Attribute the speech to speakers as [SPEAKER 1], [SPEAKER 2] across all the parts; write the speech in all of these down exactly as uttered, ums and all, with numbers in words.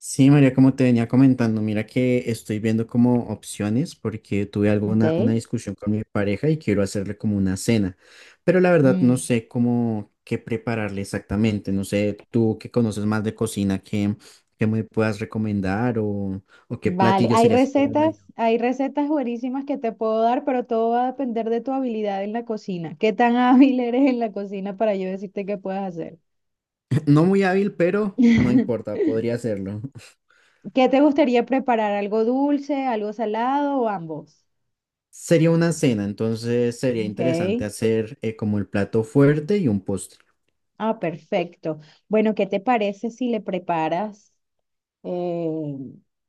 [SPEAKER 1] Sí, María, como te venía comentando, mira que estoy viendo como opciones porque tuve alguna una
[SPEAKER 2] Ok.
[SPEAKER 1] discusión con mi pareja y quiero hacerle como una cena, pero la verdad no
[SPEAKER 2] Mm,
[SPEAKER 1] sé cómo qué prepararle exactamente, no sé tú que conoces más de cocina, qué, qué me puedas recomendar o, o qué
[SPEAKER 2] vale,
[SPEAKER 1] platillo
[SPEAKER 2] hay
[SPEAKER 1] sería así como medio.
[SPEAKER 2] recetas, hay recetas buenísimas que te puedo dar, pero todo va a depender de tu habilidad en la cocina. ¿Qué tan hábil eres en la cocina para yo decirte qué puedes hacer?
[SPEAKER 1] No muy hábil, pero no importa, podría hacerlo.
[SPEAKER 2] ¿Qué te gustaría preparar? ¿Algo dulce, algo salado o ambos?
[SPEAKER 1] Sería una cena, entonces sería interesante
[SPEAKER 2] Ok.
[SPEAKER 1] hacer eh, como el plato fuerte y un postre.
[SPEAKER 2] Ah, perfecto. Bueno, ¿qué te parece si le preparas? Eh,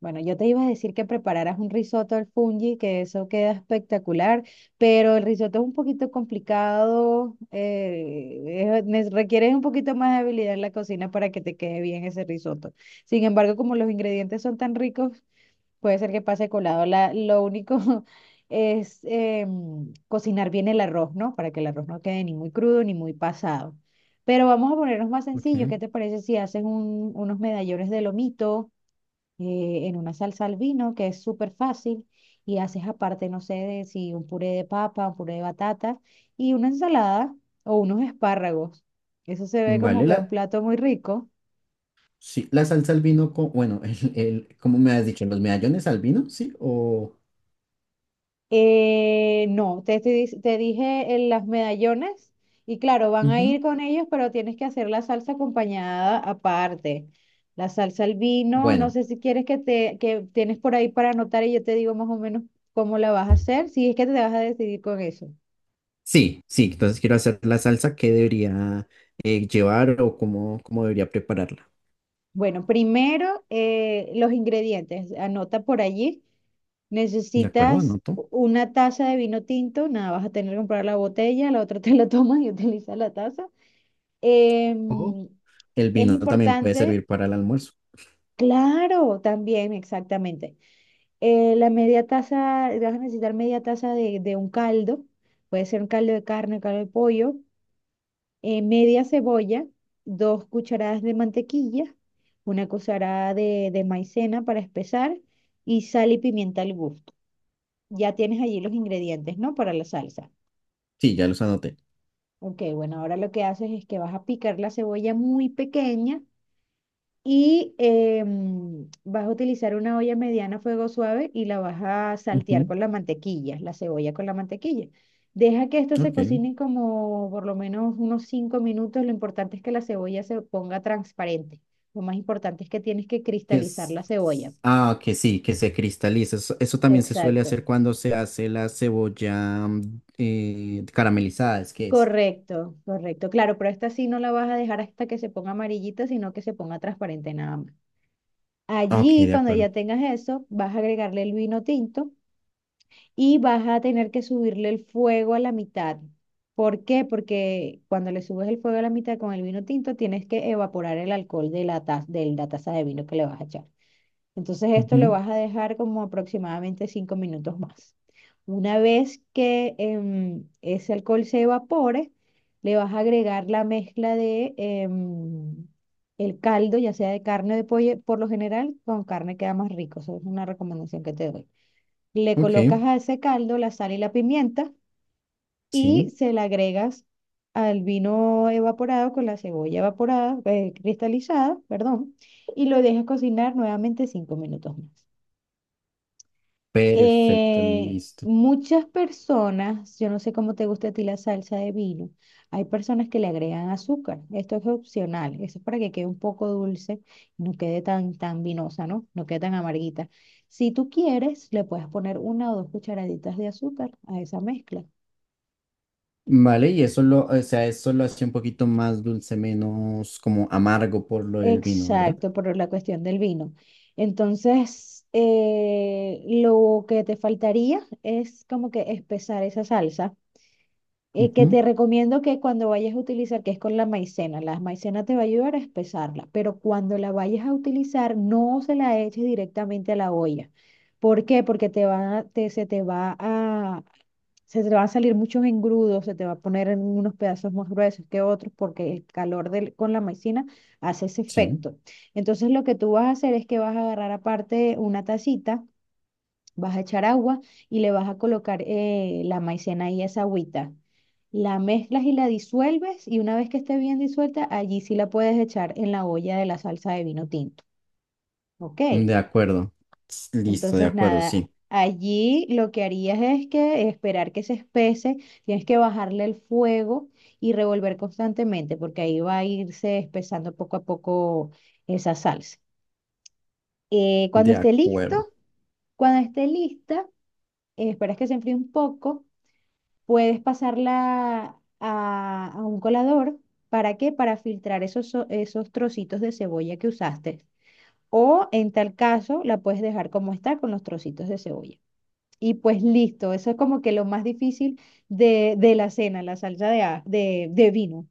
[SPEAKER 2] bueno, yo te iba a decir que prepararas un risotto al fungi, que eso queda espectacular, pero el risotto es un poquito complicado, eh, es- nes- requiere un poquito más de habilidad en la cocina para que te quede bien ese risotto. Sin embargo, como los ingredientes son tan ricos, puede ser que pase colado. La- lo único es em, cocinar bien el arroz, ¿no? Para que el arroz no quede ni muy crudo ni muy pasado. Pero vamos a ponernos más sencillos.
[SPEAKER 1] Ok.
[SPEAKER 2] ¿Qué te parece si haces un- unos medallones de lomito? Eh, en una salsa al vino que es súper fácil y haces aparte, no sé, de si un puré de papa, un puré de batata y una ensalada o unos espárragos. Eso se ve como
[SPEAKER 1] Vale,
[SPEAKER 2] que un
[SPEAKER 1] la,
[SPEAKER 2] plato muy rico.
[SPEAKER 1] sí, la salsa al vino, co- bueno, el, el, ¿cómo me has dicho? ¿Los medallones al vino? Sí, o...
[SPEAKER 2] Eh, no, te, estoy dic- te dije eh, las medallones y claro, van a ir
[SPEAKER 1] Ujú.
[SPEAKER 2] con ellos, pero tienes que hacer la salsa acompañada aparte. La salsa al vino, no
[SPEAKER 1] Bueno,
[SPEAKER 2] sé si quieres que te que tienes por ahí para anotar y yo te digo más o menos cómo la vas a hacer, si es que te vas a decidir con eso.
[SPEAKER 1] sí, sí, entonces quiero hacer la salsa, ¿qué debería eh, llevar o cómo, cómo debería prepararla?
[SPEAKER 2] Bueno, primero eh, los ingredientes. Anota por allí.
[SPEAKER 1] ¿De acuerdo?
[SPEAKER 2] Necesitas
[SPEAKER 1] Anoto.
[SPEAKER 2] u- una taza de vino tinto. Nada, vas a tener que comprar la botella, la otra te la tomas y utilizas la taza.
[SPEAKER 1] O
[SPEAKER 2] Em,
[SPEAKER 1] el
[SPEAKER 2] es
[SPEAKER 1] vino también puede
[SPEAKER 2] importante,
[SPEAKER 1] servir para el almuerzo.
[SPEAKER 2] claro, también, exactamente. Eh, la media taza, vas a necesitar media taza de, de un caldo. Puede ser un caldo de carne, caldo de pollo. Eh, media cebolla, dos cucharadas de mantequilla, una cucharada de, de maicena para espesar y sal y pimienta al gusto. Ya tienes allí los ingredientes, ¿no? Para la salsa.
[SPEAKER 1] Sí, ya los anoté.
[SPEAKER 2] Ok, bueno, ahora lo que haces es que vas a picar la cebolla muy pequeña. Y eh, mm, vas a utilizar una olla mediana a fuego suave y la vas a saltear
[SPEAKER 1] Ujú.
[SPEAKER 2] con la mantequilla, la cebolla con la mantequilla. Deja que esto se
[SPEAKER 1] Ok,
[SPEAKER 2] cocine como por lo menos unos cinco minutos. Lo importante es que la cebolla se ponga transparente. Lo más importante es que tienes que
[SPEAKER 1] que
[SPEAKER 2] cristalizar
[SPEAKER 1] es...
[SPEAKER 2] la cebolla.
[SPEAKER 1] Ah, que sí, que se cristaliza. Eso, eso también se suele
[SPEAKER 2] Exacto.
[SPEAKER 1] hacer cuando se hace la cebolla mm, eh, caramelizada, es que es.
[SPEAKER 2] Correcto, correcto. Claro, pero esta sí no la vas a dejar hasta que se ponga amarillita, sino que se ponga transparente nada más.
[SPEAKER 1] Ok,
[SPEAKER 2] Allí,
[SPEAKER 1] de
[SPEAKER 2] cuando
[SPEAKER 1] acuerdo.
[SPEAKER 2] ya tengas eso, vas a agregarle el vino tinto y vas a tener que subirle el fuego a la mitad. ¿Por qué? Porque cuando le subes el fuego a la mitad con el vino tinto, tienes que evaporar el alcohol de la taza, de la taza de vino que le vas a echar. Entonces esto lo
[SPEAKER 1] Ujú.
[SPEAKER 2] vas a dejar como aproximadamente cinco minutos más. Una vez que em, ese alcohol se evapore, le vas a agregar la mezcla de em, el caldo, ya sea de carne o de pollo, por lo general con carne queda más rico. Eso es una recomendación que te doy. Le colocas
[SPEAKER 1] Ok.
[SPEAKER 2] a ese caldo la sal y la pimienta y
[SPEAKER 1] Sí,
[SPEAKER 2] se la agregas al vino evaporado con la cebolla evaporada, eh, cristalizada, perdón, y lo dejas cocinar nuevamente cinco minutos más.
[SPEAKER 1] perfecto,
[SPEAKER 2] Eh,
[SPEAKER 1] listo.
[SPEAKER 2] muchas personas, yo no sé cómo te gusta a ti la salsa de vino, hay personas que le agregan azúcar. Esto es opcional. Eso es para que quede un poco dulce y no quede tan, tan vinosa, ¿no? No quede tan amarguita. Si tú quieres, le puedes poner una o dos cucharaditas de azúcar a esa mezcla.
[SPEAKER 1] Vale, y eso lo, o sea, eso lo hace un poquito más dulce, menos como amargo por lo del vino, ¿verdad?
[SPEAKER 2] Exacto, por la cuestión del vino. Entonces, eh, lo que te faltaría es como que espesar esa salsa. Eh, que te
[SPEAKER 1] Ujú.
[SPEAKER 2] recomiendo que cuando vayas a utilizar, que es con la maicena, la maicena te va a ayudar a espesarla, pero cuando la vayas a utilizar, no se la eches directamente a la olla. ¿Por qué? Porque te va, a- te, se te va a, se te van a salir muchos engrudos, se te va a poner en unos pedazos más gruesos que otros, porque el calor del, con la maicena hace ese
[SPEAKER 1] Sí,
[SPEAKER 2] efecto. Entonces, lo que tú vas a hacer es que vas a agarrar aparte una tacita. Vas a echar agua y le vas a colocar eh, la maicena y esa agüita. La mezclas y la disuelves y una vez que esté bien disuelta, allí sí la puedes echar en la olla de la salsa de vino tinto. Ok,
[SPEAKER 1] de acuerdo. S- Listo, de
[SPEAKER 2] entonces
[SPEAKER 1] acuerdo,
[SPEAKER 2] nada,
[SPEAKER 1] sí,
[SPEAKER 2] allí lo que harías es que esperar que se espese, tienes que bajarle el fuego y revolver constantemente porque ahí va a irse espesando poco a poco esa salsa. Eh, cuando
[SPEAKER 1] de
[SPEAKER 2] esté listo,
[SPEAKER 1] acuerdo.
[SPEAKER 2] cuando esté lista, eh, esperas que se enfríe un poco. Puedes pasarla a, a un colador. ¿Para qué? Para filtrar esos, so- esos trocitos de cebolla que usaste. O en tal caso, la puedes dejar como está con los trocitos de cebolla. Y pues listo, eso es como que lo más difícil de, de la cena, la salsa de, a- de, de vino.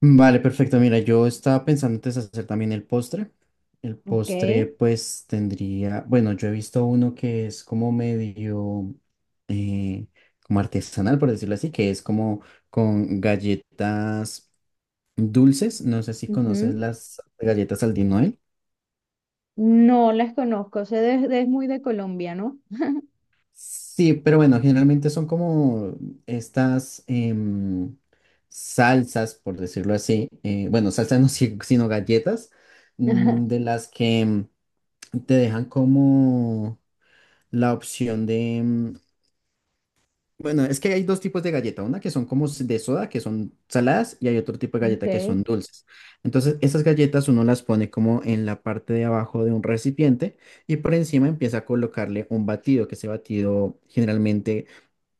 [SPEAKER 1] Vale, perfecto. Mira, yo estaba pensando antes hacer también el postre. El
[SPEAKER 2] ¿Ok?
[SPEAKER 1] postre, pues tendría, bueno, yo he visto uno que es como medio, eh, como artesanal, por decirlo así, que es como con galletas dulces. No sé si conoces
[SPEAKER 2] Ujú.
[SPEAKER 1] las galletas Aldin Noel.
[SPEAKER 2] No las conozco, sé de- de- es muy de Colombia, ¿no?
[SPEAKER 1] Sí, pero bueno, generalmente son como estas em, salsas, por decirlo así. Eh, bueno, salsas no, si- sino galletas, mm,
[SPEAKER 2] Ajá,
[SPEAKER 1] de las que te dejan como la opción de... Mm, bueno, es que hay dos tipos de galleta, una que son como s- de soda, que son saladas, y hay otro tipo de galleta que
[SPEAKER 2] Ok.
[SPEAKER 1] son dulces. Entonces, esas galletas uno las pone como en la parte de abajo de un recipiente y por encima empieza a colocarle un batido, que ese batido generalmente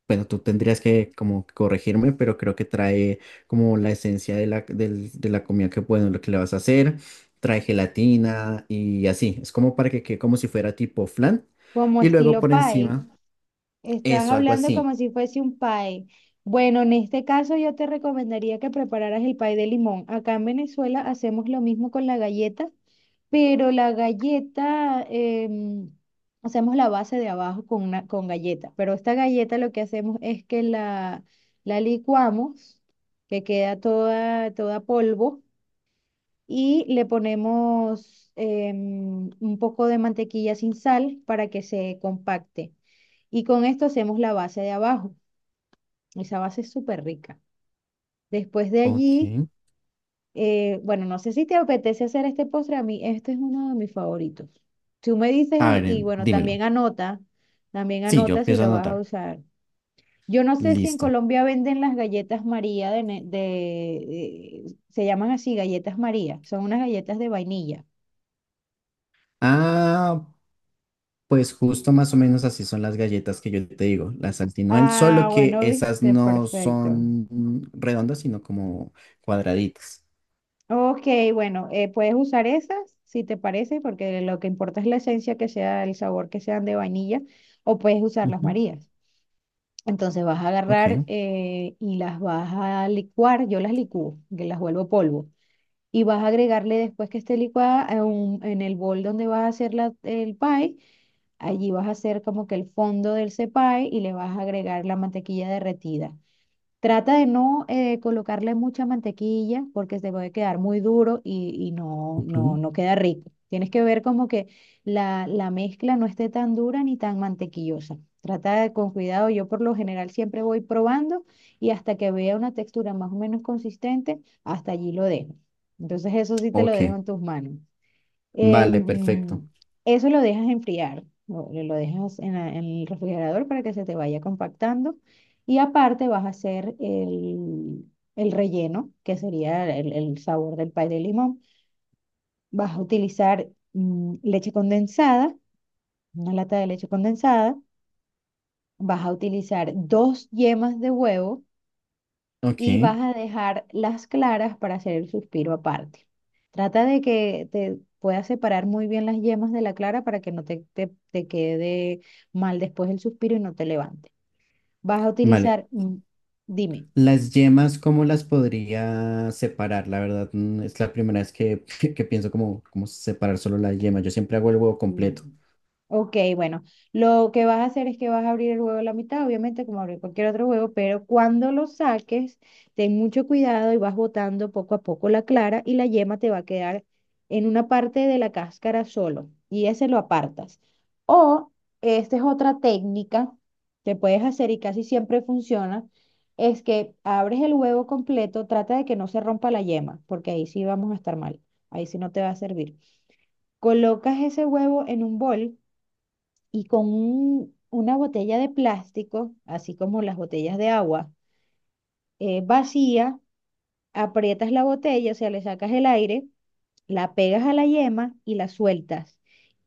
[SPEAKER 1] bueno, tú tendrías que como corregirme, pero creo que trae como la esencia de la, del- de la comida que, bueno, lo que le vas a hacer, trae gelatina y así. Es como para que quede como si fuera tipo flan.
[SPEAKER 2] Como
[SPEAKER 1] Y luego
[SPEAKER 2] estilo
[SPEAKER 1] por
[SPEAKER 2] pie.
[SPEAKER 1] encima,
[SPEAKER 2] Estás
[SPEAKER 1] eso, algo
[SPEAKER 2] hablando
[SPEAKER 1] así.
[SPEAKER 2] como si fuese un pay. Bueno, en este caso yo te recomendaría que prepararas el pay de limón. Acá en Venezuela hacemos lo mismo con la galleta, pero la galleta em, hacemos la base de abajo con una con galleta. Pero esta galleta lo que hacemos es que la, la licuamos, que queda toda, toda polvo y le ponemos em, un poco de mantequilla sin sal para que se compacte. Y con esto hacemos la base de abajo. Esa base es súper rica. Después de allí,
[SPEAKER 1] Ok.
[SPEAKER 2] eh, bueno, no sé si te apetece hacer este postre. A mí, este es uno de mis favoritos. Tú me dices
[SPEAKER 1] A
[SPEAKER 2] y,
[SPEAKER 1] ver,
[SPEAKER 2] y
[SPEAKER 1] eh,
[SPEAKER 2] bueno,
[SPEAKER 1] dímelo.
[SPEAKER 2] también anota, también
[SPEAKER 1] Sí, yo
[SPEAKER 2] anota si
[SPEAKER 1] empiezo a
[SPEAKER 2] lo vas a
[SPEAKER 1] anotar.
[SPEAKER 2] usar. Yo no sé si en
[SPEAKER 1] Listo.
[SPEAKER 2] Colombia venden las galletas María de, ne- de- de- se llaman así, galletas María, son unas galletas de vainilla.
[SPEAKER 1] Ah, pues justo más o menos así son las galletas que yo te digo, las Altinoel, solo
[SPEAKER 2] Ah,
[SPEAKER 1] que
[SPEAKER 2] bueno,
[SPEAKER 1] esas
[SPEAKER 2] viste,
[SPEAKER 1] no
[SPEAKER 2] perfecto.
[SPEAKER 1] son redondas, sino como cuadraditas.
[SPEAKER 2] Ok, bueno, eh, puedes usar esas si te parece, porque lo que importa es la esencia que sea, el sabor que sean de vainilla, o puedes usar las
[SPEAKER 1] Ujú.
[SPEAKER 2] marías. Entonces vas a
[SPEAKER 1] Ok.
[SPEAKER 2] agarrar eh, y las vas a licuar, yo las licúo, que las vuelvo polvo, y vas a agregarle después que esté licuada a un- en el bol donde vas a hacer la- el pie, allí vas a hacer como que el fondo del cepay y le vas a agregar la mantequilla derretida. Trata de no eh, colocarle mucha mantequilla porque se puede quedar muy duro y, y no, no,
[SPEAKER 1] Ujú.
[SPEAKER 2] no queda rico. Tienes que ver como que la, la mezcla no esté tan dura ni tan mantequillosa. Trata de con cuidado. Yo por lo general siempre voy probando y hasta que vea una textura más o menos consistente, hasta allí lo dejo. Entonces eso sí te lo dejo
[SPEAKER 1] Ok,
[SPEAKER 2] en tus manos.
[SPEAKER 1] vale, perfecto.
[SPEAKER 2] Em, Eso lo dejas enfriar, lo, lo dejas en, la- en el refrigerador para que se te vaya compactando. Y aparte vas a hacer el, el relleno, que sería el, el sabor del pay de limón. Vas a utilizar mm, leche condensada, una lata de leche condensada. Vas a utilizar dos yemas de huevo y
[SPEAKER 1] Ok,
[SPEAKER 2] vas a dejar las claras para hacer el suspiro aparte. Trata de que te puedas separar muy bien las yemas de la clara para que no te, te- te quede mal después el suspiro y no te levante. Vas a
[SPEAKER 1] vale.
[SPEAKER 2] utilizar, mm, dime,
[SPEAKER 1] Las yemas, ¿cómo las podría separar? La verdad, mm, es la primera vez que, que pienso como cómo separar solo la yema. Yo siempre hago el huevo
[SPEAKER 2] Mm.
[SPEAKER 1] completo.
[SPEAKER 2] Ok, bueno, lo que vas a hacer es que vas a abrir el huevo a la mitad, obviamente como abrir cualquier otro huevo, pero cuando lo saques, ten mucho cuidado y vas botando poco a poco la clara y la yema te va a quedar en una parte de la cáscara solo y ese lo apartas. O esta es otra técnica que puedes hacer y casi siempre funciona, es que abres el huevo completo, trata de que no se rompa la yema, porque ahí sí vamos a estar mal, ahí sí no te va a servir. Colocas ese huevo en un bol y con un- una botella de plástico, así como las botellas de agua, eh, vacía, aprietas la botella, o sea, le sacas el aire, la pegas a la yema y la sueltas.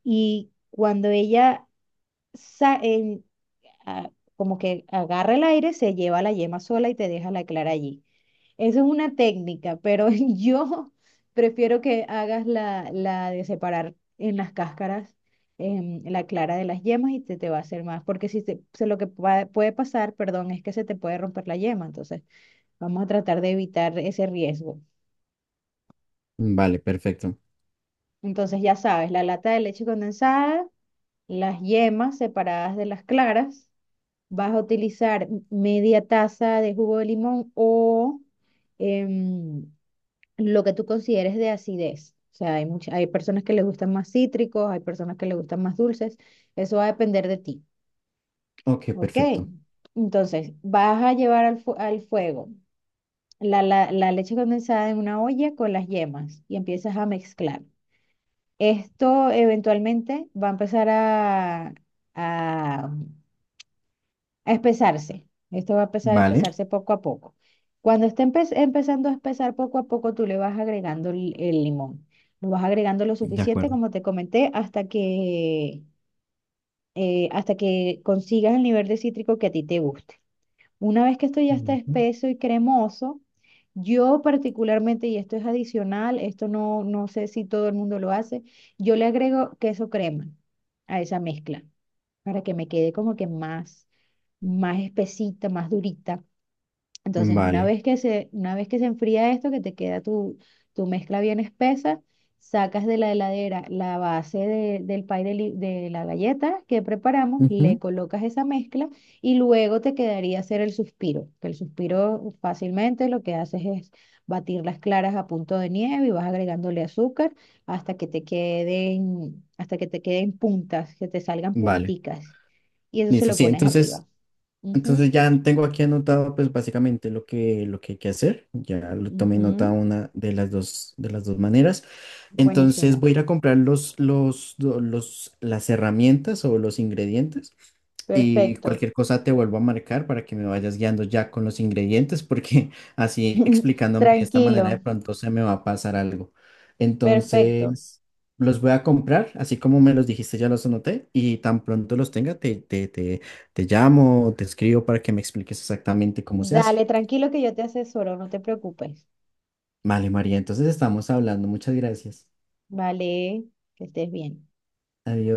[SPEAKER 2] Y cuando ella sa- en- a- como que agarra el aire, se lleva la yema sola y te deja la clara allí. Eso es una técnica, pero yo prefiero que hagas la, la de separar en las cáscaras em, la clara de las yemas y te, te va a hacer más, porque si te- se, lo que pa- puede pasar, perdón, es que se te puede romper la yema, entonces vamos a tratar de evitar ese riesgo.
[SPEAKER 1] Mm, vale, perfecto.
[SPEAKER 2] Entonces ya sabes, la lata de leche condensada, las yemas separadas de las claras, vas a utilizar media taza de jugo de limón o... em, lo que tú consideres de acidez. O sea, hay mucha- hay personas que les gustan más cítricos, hay personas que les gustan más dulces. Eso va a depender de ti.
[SPEAKER 1] Ok,
[SPEAKER 2] ¿Ok?
[SPEAKER 1] perfecto.
[SPEAKER 2] Entonces, vas a llevar al, fu- al fuego la, la, la leche condensada en una olla con las yemas y empiezas a mezclar. Esto eventualmente va a empezar a, a a espesarse. Esto va a empezar a
[SPEAKER 1] Vale,
[SPEAKER 2] espesarse poco a poco. Cuando esté empe- empezando a espesar poco a poco, tú le vas agregando el, el limón. Lo vas agregando lo
[SPEAKER 1] de
[SPEAKER 2] suficiente,
[SPEAKER 1] acuerdo.
[SPEAKER 2] como te comenté, hasta que, eh, hasta que consigas el nivel de cítrico que a ti te guste. Una vez que esto ya está
[SPEAKER 1] Ujú.
[SPEAKER 2] espeso y cremoso, yo particularmente, y esto es adicional, esto no, no sé si todo el mundo lo hace, yo le agrego queso crema a esa mezcla para que me quede como que más, más espesita, más durita. Entonces, una
[SPEAKER 1] Vale.
[SPEAKER 2] vez que se, una vez que se enfría esto, que te queda tu, tu mezcla bien espesa, sacas de la heladera la base de- del pie de, li- de la galleta que preparamos, le
[SPEAKER 1] Ujú.
[SPEAKER 2] colocas esa mezcla y luego te quedaría hacer el suspiro, que el suspiro fácilmente lo que haces es batir las claras a punto de nieve y vas agregándole azúcar hasta que te queden, hasta que te queden puntas, que te salgan
[SPEAKER 1] Vale.
[SPEAKER 2] punticas y eso se
[SPEAKER 1] Listo,
[SPEAKER 2] lo
[SPEAKER 1] sí,
[SPEAKER 2] pones arriba.
[SPEAKER 1] entonces
[SPEAKER 2] Ujú,
[SPEAKER 1] entonces ya tengo aquí anotado pues básicamente lo que, lo que hay que hacer. Ya lo tomé nota
[SPEAKER 2] ujú.
[SPEAKER 1] una de las dos, de las dos maneras. Entonces
[SPEAKER 2] Buenísimo.
[SPEAKER 1] voy a ir a comprar los, los, do- los, las herramientas o los ingredientes y
[SPEAKER 2] Perfecto.
[SPEAKER 1] cualquier cosa te vuelvo a marcar para que me vayas guiando ya con los ingredientes porque así explicándome de esta manera de
[SPEAKER 2] Tranquilo.
[SPEAKER 1] pronto se me va a pasar algo.
[SPEAKER 2] Perfecto.
[SPEAKER 1] Entonces los voy a comprar, así como me los dijiste, ya los anoté y tan pronto los tenga te te te te llamo, te escribo para que me expliques exactamente cómo se hace.
[SPEAKER 2] Dale, tranquilo que yo te asesoro, no te preocupes.
[SPEAKER 1] Vale, María, entonces estamos hablando. Muchas gracias.
[SPEAKER 2] Vale, que estés bien.
[SPEAKER 1] Adiós.